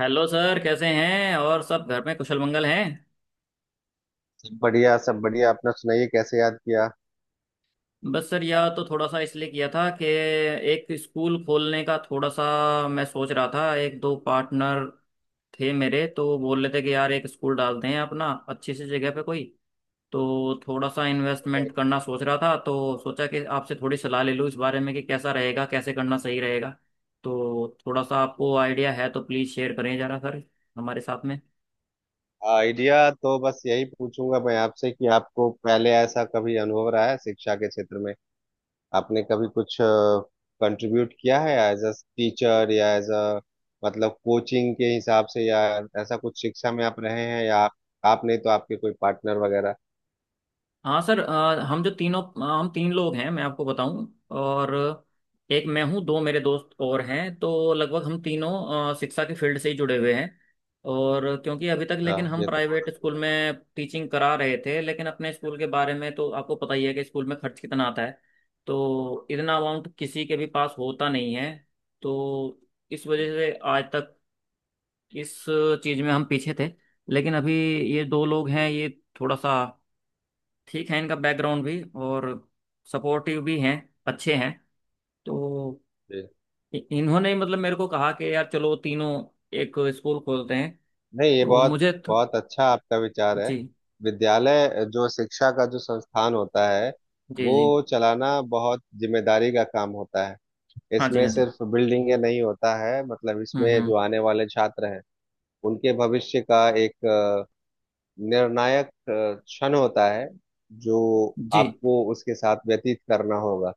Hello sir, कैसे हैं। और सब घर में कुशल मंगल हैं। बढ़िया। सब बढ़िया। अपना सुनाइए कैसे याद किया। बस सर, यह तो थोड़ा सा इसलिए किया था कि एक स्कूल खोलने का, थोड़ा सा मैं सोच रहा था। एक दो पार्टनर थे मेरे, तो वो बोल रहे थे कि यार एक स्कूल डालते हैं अपना, अच्छी सी जगह पे कोई। तो थोड़ा सा इन्वेस्टमेंट करना सोच रहा था, तो सोचा कि आपसे थोड़ी सलाह ले लूँ इस बारे में कि कैसा रहेगा, कैसे करना सही रहेगा। तो थोड़ा सा आपको आइडिया है तो प्लीज़ शेयर करें जरा सर, हमारे साथ में। आइडिया तो बस यही पूछूंगा मैं आपसे कि आपको पहले ऐसा कभी अनुभव रहा है शिक्षा के क्षेत्र में। आपने कभी कुछ कंट्रीब्यूट किया है एज अ टीचर या एज अ मतलब कोचिंग के हिसाब से या ऐसा कुछ शिक्षा में आप रहे हैं, या आप नहीं तो आपके कोई पार्टनर वगैरह। हाँ सर, हम तीन लोग हैं, मैं आपको बताऊं। और एक मैं हूँ, दो मेरे दोस्त और हैं, तो लगभग हम तीनों शिक्षा के फील्ड से ही जुड़े हुए हैं। और क्योंकि अभी तक हाँ, लेकिन हम ये तो बहुत प्राइवेट अच्छी स्कूल बात में टीचिंग करा रहे थे, लेकिन अपने स्कूल के बारे में तो आपको पता ही है कि स्कूल में खर्च कितना आता है। तो इतना अमाउंट किसी के भी पास होता नहीं है। तो इस वजह से आज तक इस चीज़ में हम पीछे थे। लेकिन अभी ये दो लोग हैं, ये थोड़ा सा ठीक है, इनका बैकग्राउंड भी, और सपोर्टिव भी हैं, अच्छे हैं। तो है। इन्होंने मतलब मेरे को कहा कि यार चलो तीनों एक स्कूल खोलते हैं। नहीं, ये तो बहुत मुझे तो, बहुत अच्छा आपका विचार है। जी विद्यालय, जो शिक्षा का जो संस्थान होता है, जी वो जी। चलाना बहुत जिम्मेदारी का काम होता है। हाँ जी, इसमें हाँ जी। सिर्फ बिल्डिंग नहीं होता है, मतलब इसमें हम्म। जो आने वाले छात्र हैं उनके भविष्य का एक निर्णायक क्षण होता है जो जी, आपको उसके साथ व्यतीत करना होगा।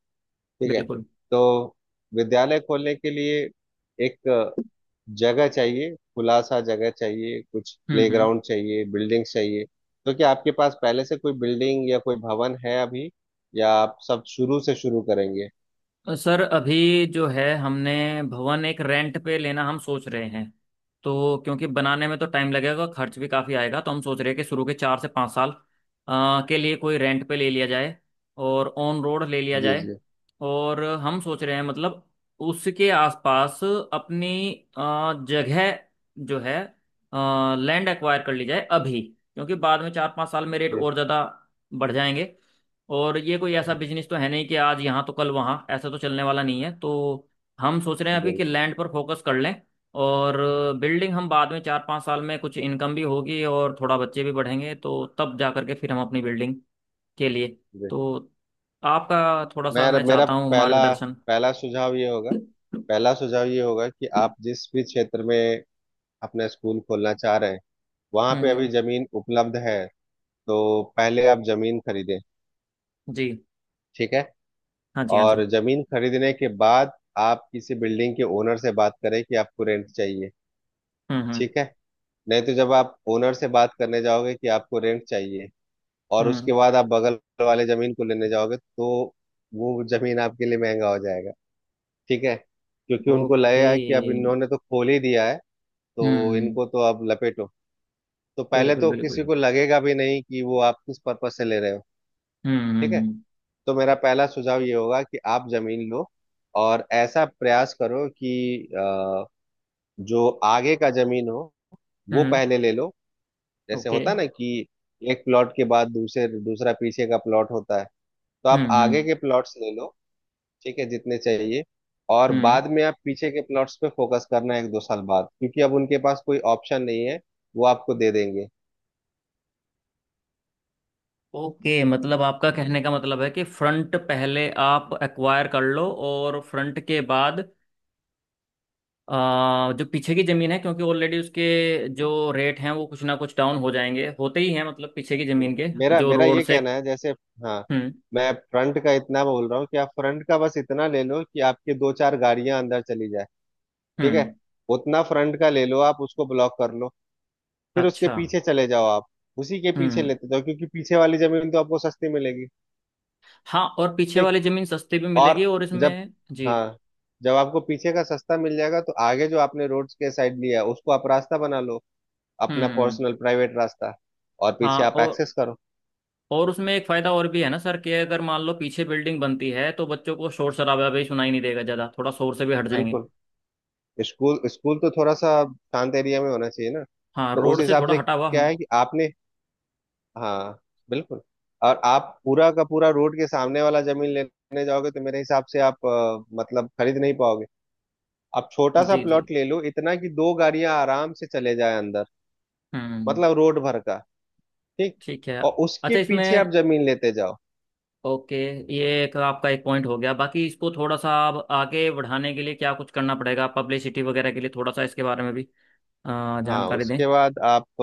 ठीक है। बिल्कुल। तो विद्यालय खोलने के लिए एक जगह चाहिए, खुला सा जगह चाहिए, कुछ हम्म। प्लेग्राउंड चाहिए, बिल्डिंग चाहिए। तो क्या आपके पास पहले से कोई बिल्डिंग या कोई भवन है अभी, या आप सब शुरू से शुरू करेंगे। सर, अभी जो है हमने भवन एक रेंट पे लेना हम सोच रहे हैं। तो क्योंकि बनाने में तो टाइम लगेगा, खर्च भी काफ़ी आएगा, तो हम सोच रहे हैं कि शुरू के 4 से 5 साल के लिए कोई रेंट पे ले लिया जाए, और ऑन रोड ले लिया जी जाए। जी और हम सोच रहे हैं मतलब उसके आसपास अपनी जगह जो है लैंड एक्वायर कर ली जाए अभी। क्योंकि बाद में 4 5 साल में रेट जी और ज़्यादा बढ़ जाएंगे। और ये कोई ऐसा जी बिजनेस तो है नहीं कि आज यहाँ तो कल वहाँ, ऐसा तो चलने वाला नहीं है। तो हम सोच रहे हैं अभी कि बिल्कुल लैंड पर फोकस कर लें। और बिल्डिंग हम बाद में 4 5 साल में कुछ इनकम भी होगी और थोड़ा बच्चे भी बढ़ेंगे तो तब जा करके फिर हम अपनी बिल्डिंग के लिए। जी। तो आपका थोड़ा सा मेरा मैं मेरा चाहता हूँ पहला मार्गदर्शन। पहला सुझाव ये होगा पहला सुझाव ये होगा कि हम्म आप जिस भी क्षेत्र में अपना स्कूल खोलना चाह रहे हैं वहां पे अभी हम्म। जमीन उपलब्ध है, तो पहले आप जमीन खरीदें। जी। ठीक है। हाँ जी, हाँ जी। और जमीन खरीदने के बाद आप किसी बिल्डिंग के ओनर से बात करें कि आपको रेंट चाहिए। हम्म हम्म ठीक है। नहीं तो जब आप ओनर से बात करने जाओगे कि आपको रेंट चाहिए और हम्म। उसके बाद आप बगल वाले जमीन को लेने जाओगे तो वो जमीन आपके लिए महंगा हो जाएगा। ठीक है, क्योंकि उनको लगेगा कि अब ओके। इन्होंने तो खोल ही दिया है, तो हम्म। इनको तो अब लपेटो। तो पहले बिल्कुल तो किसी बिल्कुल। को लगेगा भी नहीं कि वो आप किस पर्पज से ले रहे हो। हम्म ठीक हम्म है। हम्म तो मेरा पहला सुझाव ये होगा कि आप जमीन लो, और ऐसा प्रयास करो कि अ, जो आगे का जमीन हो वो हम्म। पहले ले लो। जैसे ओके। होता है ना कि एक प्लॉट के बाद दूसरे दूसरा पीछे का प्लॉट होता है, तो आप हम्म आगे हम्म के प्लॉट्स ले लो। ठीक है, जितने चाहिए। और हम्म। बाद में आप पीछे के प्लॉट्स पे फोकस करना, एक दो साल बाद, क्योंकि अब उनके पास कोई ऑप्शन नहीं है, वो आपको दे देंगे। ओके, मतलब आपका कहने का मतलब है कि फ्रंट पहले आप एक्वायर कर लो, और फ्रंट के बाद जो पीछे की जमीन है, क्योंकि ऑलरेडी उसके जो रेट हैं वो कुछ ना कुछ डाउन हो जाएंगे, होते ही हैं मतलब पीछे की जी। जमीन के, मेरा जो मेरा रोड ये से। कहना है, जैसे, हाँ, हम्म मैं फ्रंट का इतना बोल रहा हूँ कि आप फ्रंट का बस इतना ले लो कि आपके दो चार गाड़ियां अंदर चली जाए। ठीक है। हम्म। उतना फ्रंट का ले लो, आप उसको ब्लॉक कर लो, फिर उसके अच्छा। पीछे चले जाओ आप। उसी के पीछे हम्म। लेते जाओ, क्योंकि पीछे वाली जमीन तो आपको सस्ती मिलेगी। हाँ, और पीछे ठीक। वाली जमीन सस्ती भी मिलेगी और और जब इसमें जी। हाँ, जब आपको पीछे का सस्ता मिल जाएगा तो आगे जो आपने रोड के साइड लिया है उसको आप रास्ता बना लो, अपना हम्म। पर्सनल प्राइवेट रास्ता, और हाँ, पीछे आप और एक्सेस करो। और उसमें एक फायदा और भी है ना सर कि अगर मान लो पीछे बिल्डिंग बनती है, तो बच्चों को शोर शराबा भी सुनाई नहीं देगा ज्यादा, थोड़ा शोर से भी हट जाएंगे। बिल्कुल। स्कूल स्कूल तो थोड़ा सा शांत एरिया में होना चाहिए ना। हाँ, तो उस रोड से हिसाब थोड़ा से हटा हुआ क्या हम। है कि आपने, हाँ, बिल्कुल, और आप पूरा का पूरा रोड के सामने वाला जमीन लेने जाओगे तो मेरे हिसाब से आप मतलब खरीद नहीं पाओगे। आप छोटा सा जी जी। प्लॉट ले लो, इतना कि दो गाड़ियां आराम से चले जाए अंदर, हम्म। मतलब रोड भर का। ठीक। ठीक है। और उसके अच्छा, पीछे आप इसमें। जमीन लेते जाओ। ओके। ये एक आपका एक पॉइंट हो गया। बाकी इसको थोड़ा सा आप आगे बढ़ाने के लिए क्या कुछ करना पड़ेगा, पब्लिसिटी वगैरह के लिए थोड़ा सा इसके बारे में भी हाँ, जानकारी दें। उसके बाद आप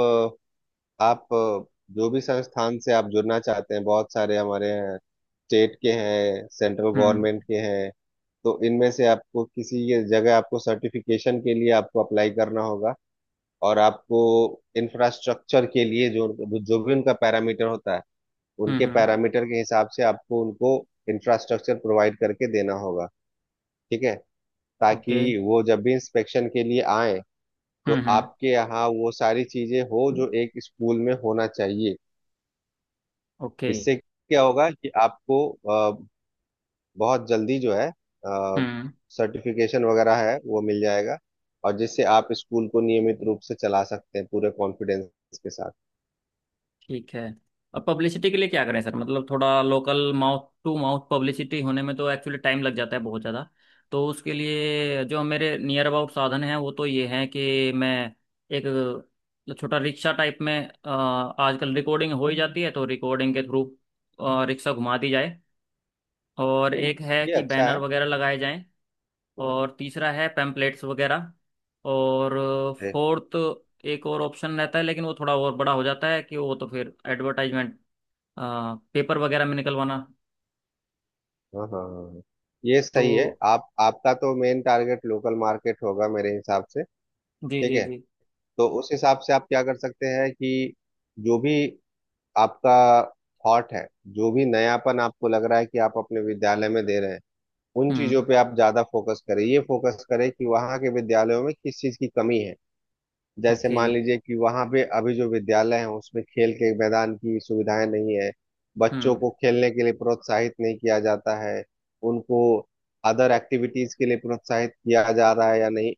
आप जो भी संस्थान से आप जुड़ना चाहते हैं, बहुत सारे हमारे हैं, स्टेट के हैं, सेंट्रल हम्म गवर्नमेंट के हैं, तो इनमें से आपको किसी ये जगह आपको सर्टिफिकेशन के लिए आपको अप्लाई करना होगा। और आपको इंफ्रास्ट्रक्चर के लिए जो जो भी उनका पैरामीटर होता है उनके हम्म। पैरामीटर के हिसाब से आपको उनको इंफ्रास्ट्रक्चर प्रोवाइड करके देना होगा। ठीक है। ताकि ओके। वो जब भी इंस्पेक्शन के लिए आए तो हम्म आपके यहाँ वो सारी चीजें हो हम्म। जो एक स्कूल में होना चाहिए। ओके। इससे क्या होगा कि आपको बहुत जल्दी जो है हम्म। सर्टिफिकेशन वगैरह है वो मिल जाएगा, और जिससे आप स्कूल को नियमित रूप से चला सकते हैं पूरे कॉन्फिडेंस के साथ। ठीक है। और पब्लिसिटी के लिए क्या करें सर, मतलब थोड़ा local mouth to mouth publicity होने में तो एक्चुअली टाइम लग जाता है बहुत ज़्यादा। तो उसके लिए जो मेरे नियर अबाउट साधन हैं वो तो ये हैं कि मैं एक छोटा रिक्शा टाइप में, आजकल रिकॉर्डिंग हो ही जाती है, तो रिकॉर्डिंग के थ्रू रिक्शा घुमा दी जाए। और एक है ये कि अच्छा बैनर है। वगैरह लगाए जाएं। और तीसरा है पैम्पलेट्स वगैरह। और है। फोर्थ एक और ऑप्शन रहता है, लेकिन वो थोड़ा और बड़ा हो जाता है कि वो तो फिर एडवर्टाइजमेंट पेपर वगैरह में निकलवाना। हाँ हाँ हाँ हाँ। ये तो सही है। आप, आपका तो मेन टारगेट लोकल मार्केट होगा मेरे हिसाब से। जी ठीक जी है। जी। तो उस हिसाब से आप क्या कर सकते हैं कि जो भी आपका थॉट है, जो भी नयापन आपको लग रहा है कि आप अपने विद्यालय में दे रहे हैं, उन चीजों हम्म। पे आप ज्यादा फोकस करें। ये फोकस करें कि वहाँ के विद्यालयों में किस चीज की कमी है। जैसे ओके। मान लीजिए कि वहाँ पे अभी जो विद्यालय है उसमें खेल के मैदान की सुविधाएं नहीं है, बच्चों हम्म को खेलने के लिए प्रोत्साहित नहीं किया जाता है, उनको अदर एक्टिविटीज के लिए प्रोत्साहित किया जा रहा है या नहीं।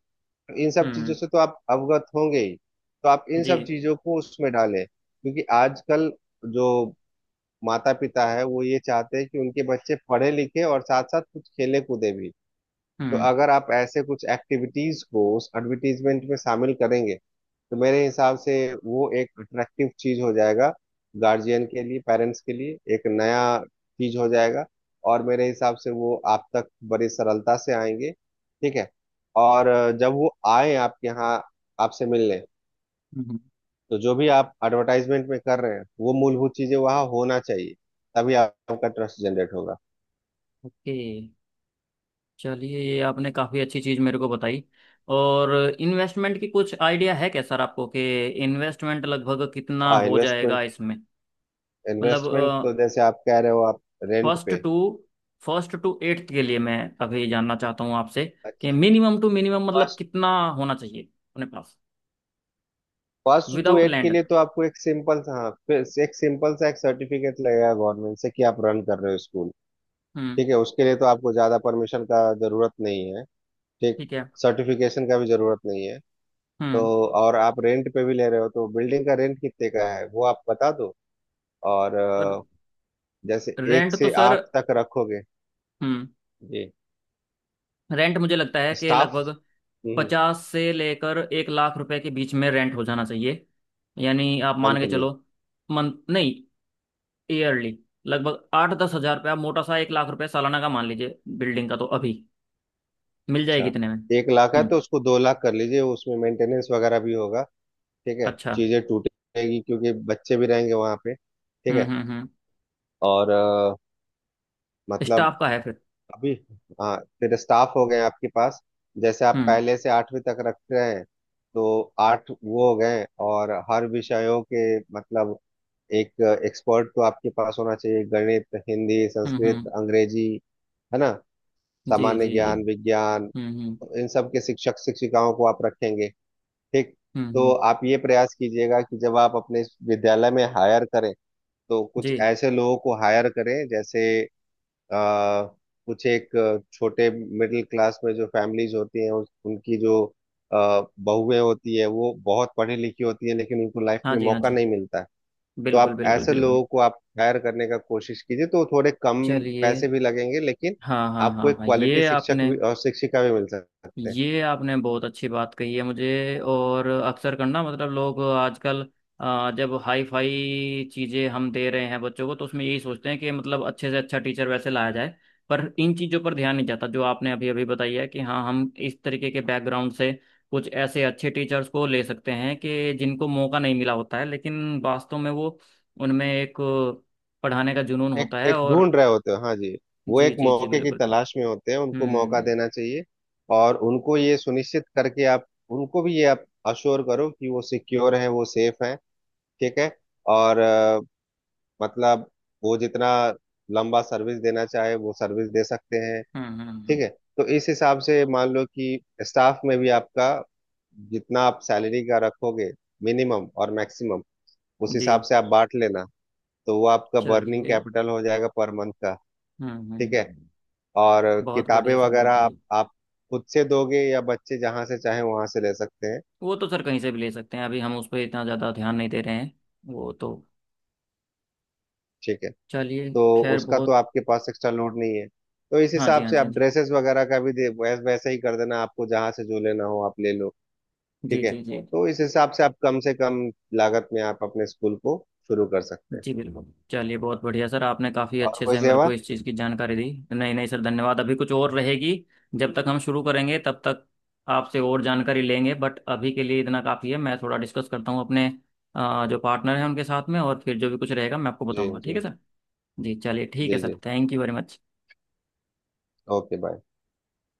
इन सब चीजों हम्म। से तो आप अवगत होंगे ही। तो आप इन जी। सब चीजों को उसमें डालें, क्योंकि आजकल जो माता पिता है वो ये चाहते हैं कि उनके बच्चे पढ़े लिखे और साथ साथ कुछ खेले कूदे भी। तो हम्म अगर आप ऐसे कुछ एक्टिविटीज को उस एडवर्टीजमेंट में शामिल करेंगे तो मेरे हिसाब से वो एक अट्रैक्टिव चीज हो जाएगा, गार्जियन के लिए, पेरेंट्स के लिए एक नया चीज हो जाएगा, और मेरे हिसाब से वो आप तक बड़ी सरलता से आएंगे। ठीक है। और जब वो आए आपके यहाँ आपसे मिलने, हम्म। तो जो भी आप एडवर्टाइजमेंट में कर रहे हैं वो मूलभूत चीजें वहाँ होना चाहिए, तभी आपका ट्रस्ट जनरेट होगा। ओके। चलिए, ये आपने काफ़ी अच्छी चीज़ मेरे को बताई। और इन्वेस्टमेंट की कुछ आइडिया है क्या सर आपको कि इन्वेस्टमेंट लगभग कितना हाँ, हो जाएगा इन्वेस्टमेंट इसमें, मतलब इन्वेस्टमेंट तो जैसे आप कह रहे हो, आप रेंट फर्स्ट पे, टू फर्स्ट टू एट्थ के लिए मैं अभी जानना चाहता हूँ आपसे कि अच्छा, मिनिमम टू मिनिमम मतलब फर्स्ट कितना होना चाहिए अपने पास, फर्स्ट टू विदाउट एट के लैंड। लिए तो आपको एक सिंपल सा, हाँ, फिर से एक सिंपल सा एक सर्टिफिकेट लगेगा गवर्नमेंट से कि आप रन कर रहे हो स्कूल। हम्म। ठीक है, उसके लिए तो आपको ज़्यादा परमिशन का जरूरत नहीं है। ठीक। ठीक है। सर्टिफिकेशन का भी जरूरत नहीं है। तो, हम्म। और आप रेंट पे भी ले रहे हो तो बिल्डिंग का रेंट कितने का है वो आप बता दो। और पर जैसे एक रेंट तो से सर। आठ तक रखोगे। हम्म। जी। रेंट मुझे लगता है कि स्टाफ, लगभग 50 से लेकर 1 लाख रुपए के बीच में रेंट हो जाना चाहिए। यानी आप मान के मंथली। चलो, मंथ नहीं, ईयरली लगभग 8 10 हज़ार रुपये, आप मोटा सा 1 लाख रुपए सालाना का मान लीजिए बिल्डिंग का, तो अभी मिल जाएगी अच्छा, इतने में। एक लाख है तो हम्म। उसको दो लाख कर लीजिए, उसमें मेंटेनेंस वगैरह भी होगा। ठीक है, अच्छा। चीजें टूटेगी क्योंकि बच्चे भी रहेंगे वहां पे। ठीक है। हम्म। और मतलब स्टाफ का है फिर? अभी, हाँ, तेरे स्टाफ हो गए हैं आपके पास। जैसे आप हम्म पहले से आठवीं तक रख रहे हैं तो आठ वो हो गए। और हर विषयों के, मतलब एक एक्सपर्ट तो आपके पास होना चाहिए, गणित, हिंदी, संस्कृत, हम्म। अंग्रेजी, है ना, जी सामान्य जी जी। ज्ञान, विज्ञान, हम्म हम्म इन सब के शिक्षक शिक्षिकाओं को आप रखेंगे। ठीक। तो हम्म। आप ये प्रयास कीजिएगा कि जब आप अपने विद्यालय में हायर करें, तो जी। कुछ ऐसे लोगों को हायर करें जैसे आ, कुछ एक छोटे मिडिल क्लास में जो फैमिलीज होती हैं उनकी जो बहुएं होती है वो बहुत पढ़ी लिखी होती है लेकिन उनको लाइफ हाँ में जी, हाँ मौका जी। नहीं मिलता है। तो बिल्कुल आप बिल्कुल ऐसे बिल्कुल। लोगों को आप हायर करने का कोशिश कीजिए, तो थोड़े कम चलिए। पैसे भी लगेंगे लेकिन हाँ हाँ आपको हाँ एक हाँ। क्वालिटी ये शिक्षक आपने भी और शिक्षिका भी मिल सकते हैं। ये आपने बहुत अच्छी बात कही है मुझे। और अक्सर करना मतलब लोग आजकल, जब हाई फाई चीज़ें हम दे रहे हैं बच्चों को तो उसमें यही सोचते हैं कि मतलब अच्छे से अच्छा टीचर वैसे लाया जाए। पर इन चीज़ों पर ध्यान नहीं जाता जो आपने अभी अभी बताई है कि हाँ, हम इस तरीके के बैकग्राउंड से कुछ ऐसे अच्छे टीचर्स को ले सकते हैं कि जिनको मौका नहीं मिला होता है, लेकिन वास्तव में वो उनमें एक पढ़ाने का जुनून एक होता है, एक और ढूंढ रहे होते हो, हाँ जी। वो जी एक जी जी। मौके की बिल्कुल बिल्कुल। तलाश में होते हैं, उनको हम्म मौका हम्म देना चाहिए। और उनको ये सुनिश्चित करके आप उनको भी ये आप अश्योर करो कि वो सिक्योर है, वो सेफ है। ठीक है। और मतलब वो जितना लंबा सर्विस देना चाहे वो सर्विस दे सकते हैं। हम्म। हम्म हम्म ठीक हम्म। है। तो इस हिसाब से मान लो कि स्टाफ में भी आपका जितना आप सैलरी का रखोगे, मिनिमम और मैक्सिमम, उस जी हिसाब से आप बांट लेना, तो वो आपका बर्निंग चलिए। कैपिटल हो जाएगा पर मंथ का। ठीक है। हम्म। और बहुत किताबें बढ़िया सर, वगैरह बहुत आप बढ़िया। आप खुद से दोगे या बच्चे जहाँ से चाहे वहां से ले सकते हैं। वो तो सर कहीं से भी ले सकते हैं, अभी हम उस पर इतना ज़्यादा ध्यान नहीं दे रहे हैं। वो तो ठीक है। चलिए। तो खैर उसका तो बहुत। आपके पास एक्स्ट्रा लोड नहीं है। तो इस हाँ जी, हिसाब हाँ से जी, आप हाँ जी। ड्रेसेस वगैरह का भी दे वैसे ही कर देना, आपको जहाँ से जो लेना हो आप ले लो। जी ठीक है। जी जी। तो इस हिसाब से आप कम से कम लागत में आप अपने स्कूल को शुरू कर सकते हैं। जी बिल्कुल। चलिए बहुत बढ़िया सर, आपने काफ़ी और अच्छे कोई से मेरे को सेवा। इस चीज़ की जानकारी दी। नहीं नहीं सर, धन्यवाद। अभी कुछ और रहेगी। जब तक हम शुरू करेंगे तब तक आपसे और जानकारी लेंगे, बट अभी के लिए इतना काफ़ी है। मैं थोड़ा डिस्कस करता हूँ अपने जो पार्टनर है उनके साथ में, और फिर जो भी कुछ रहेगा मैं आपको जी बताऊंगा। ठीक है जी। सर। जी चलिए, ठीक है जी सर, जी। Thank you very much. Okay, bye.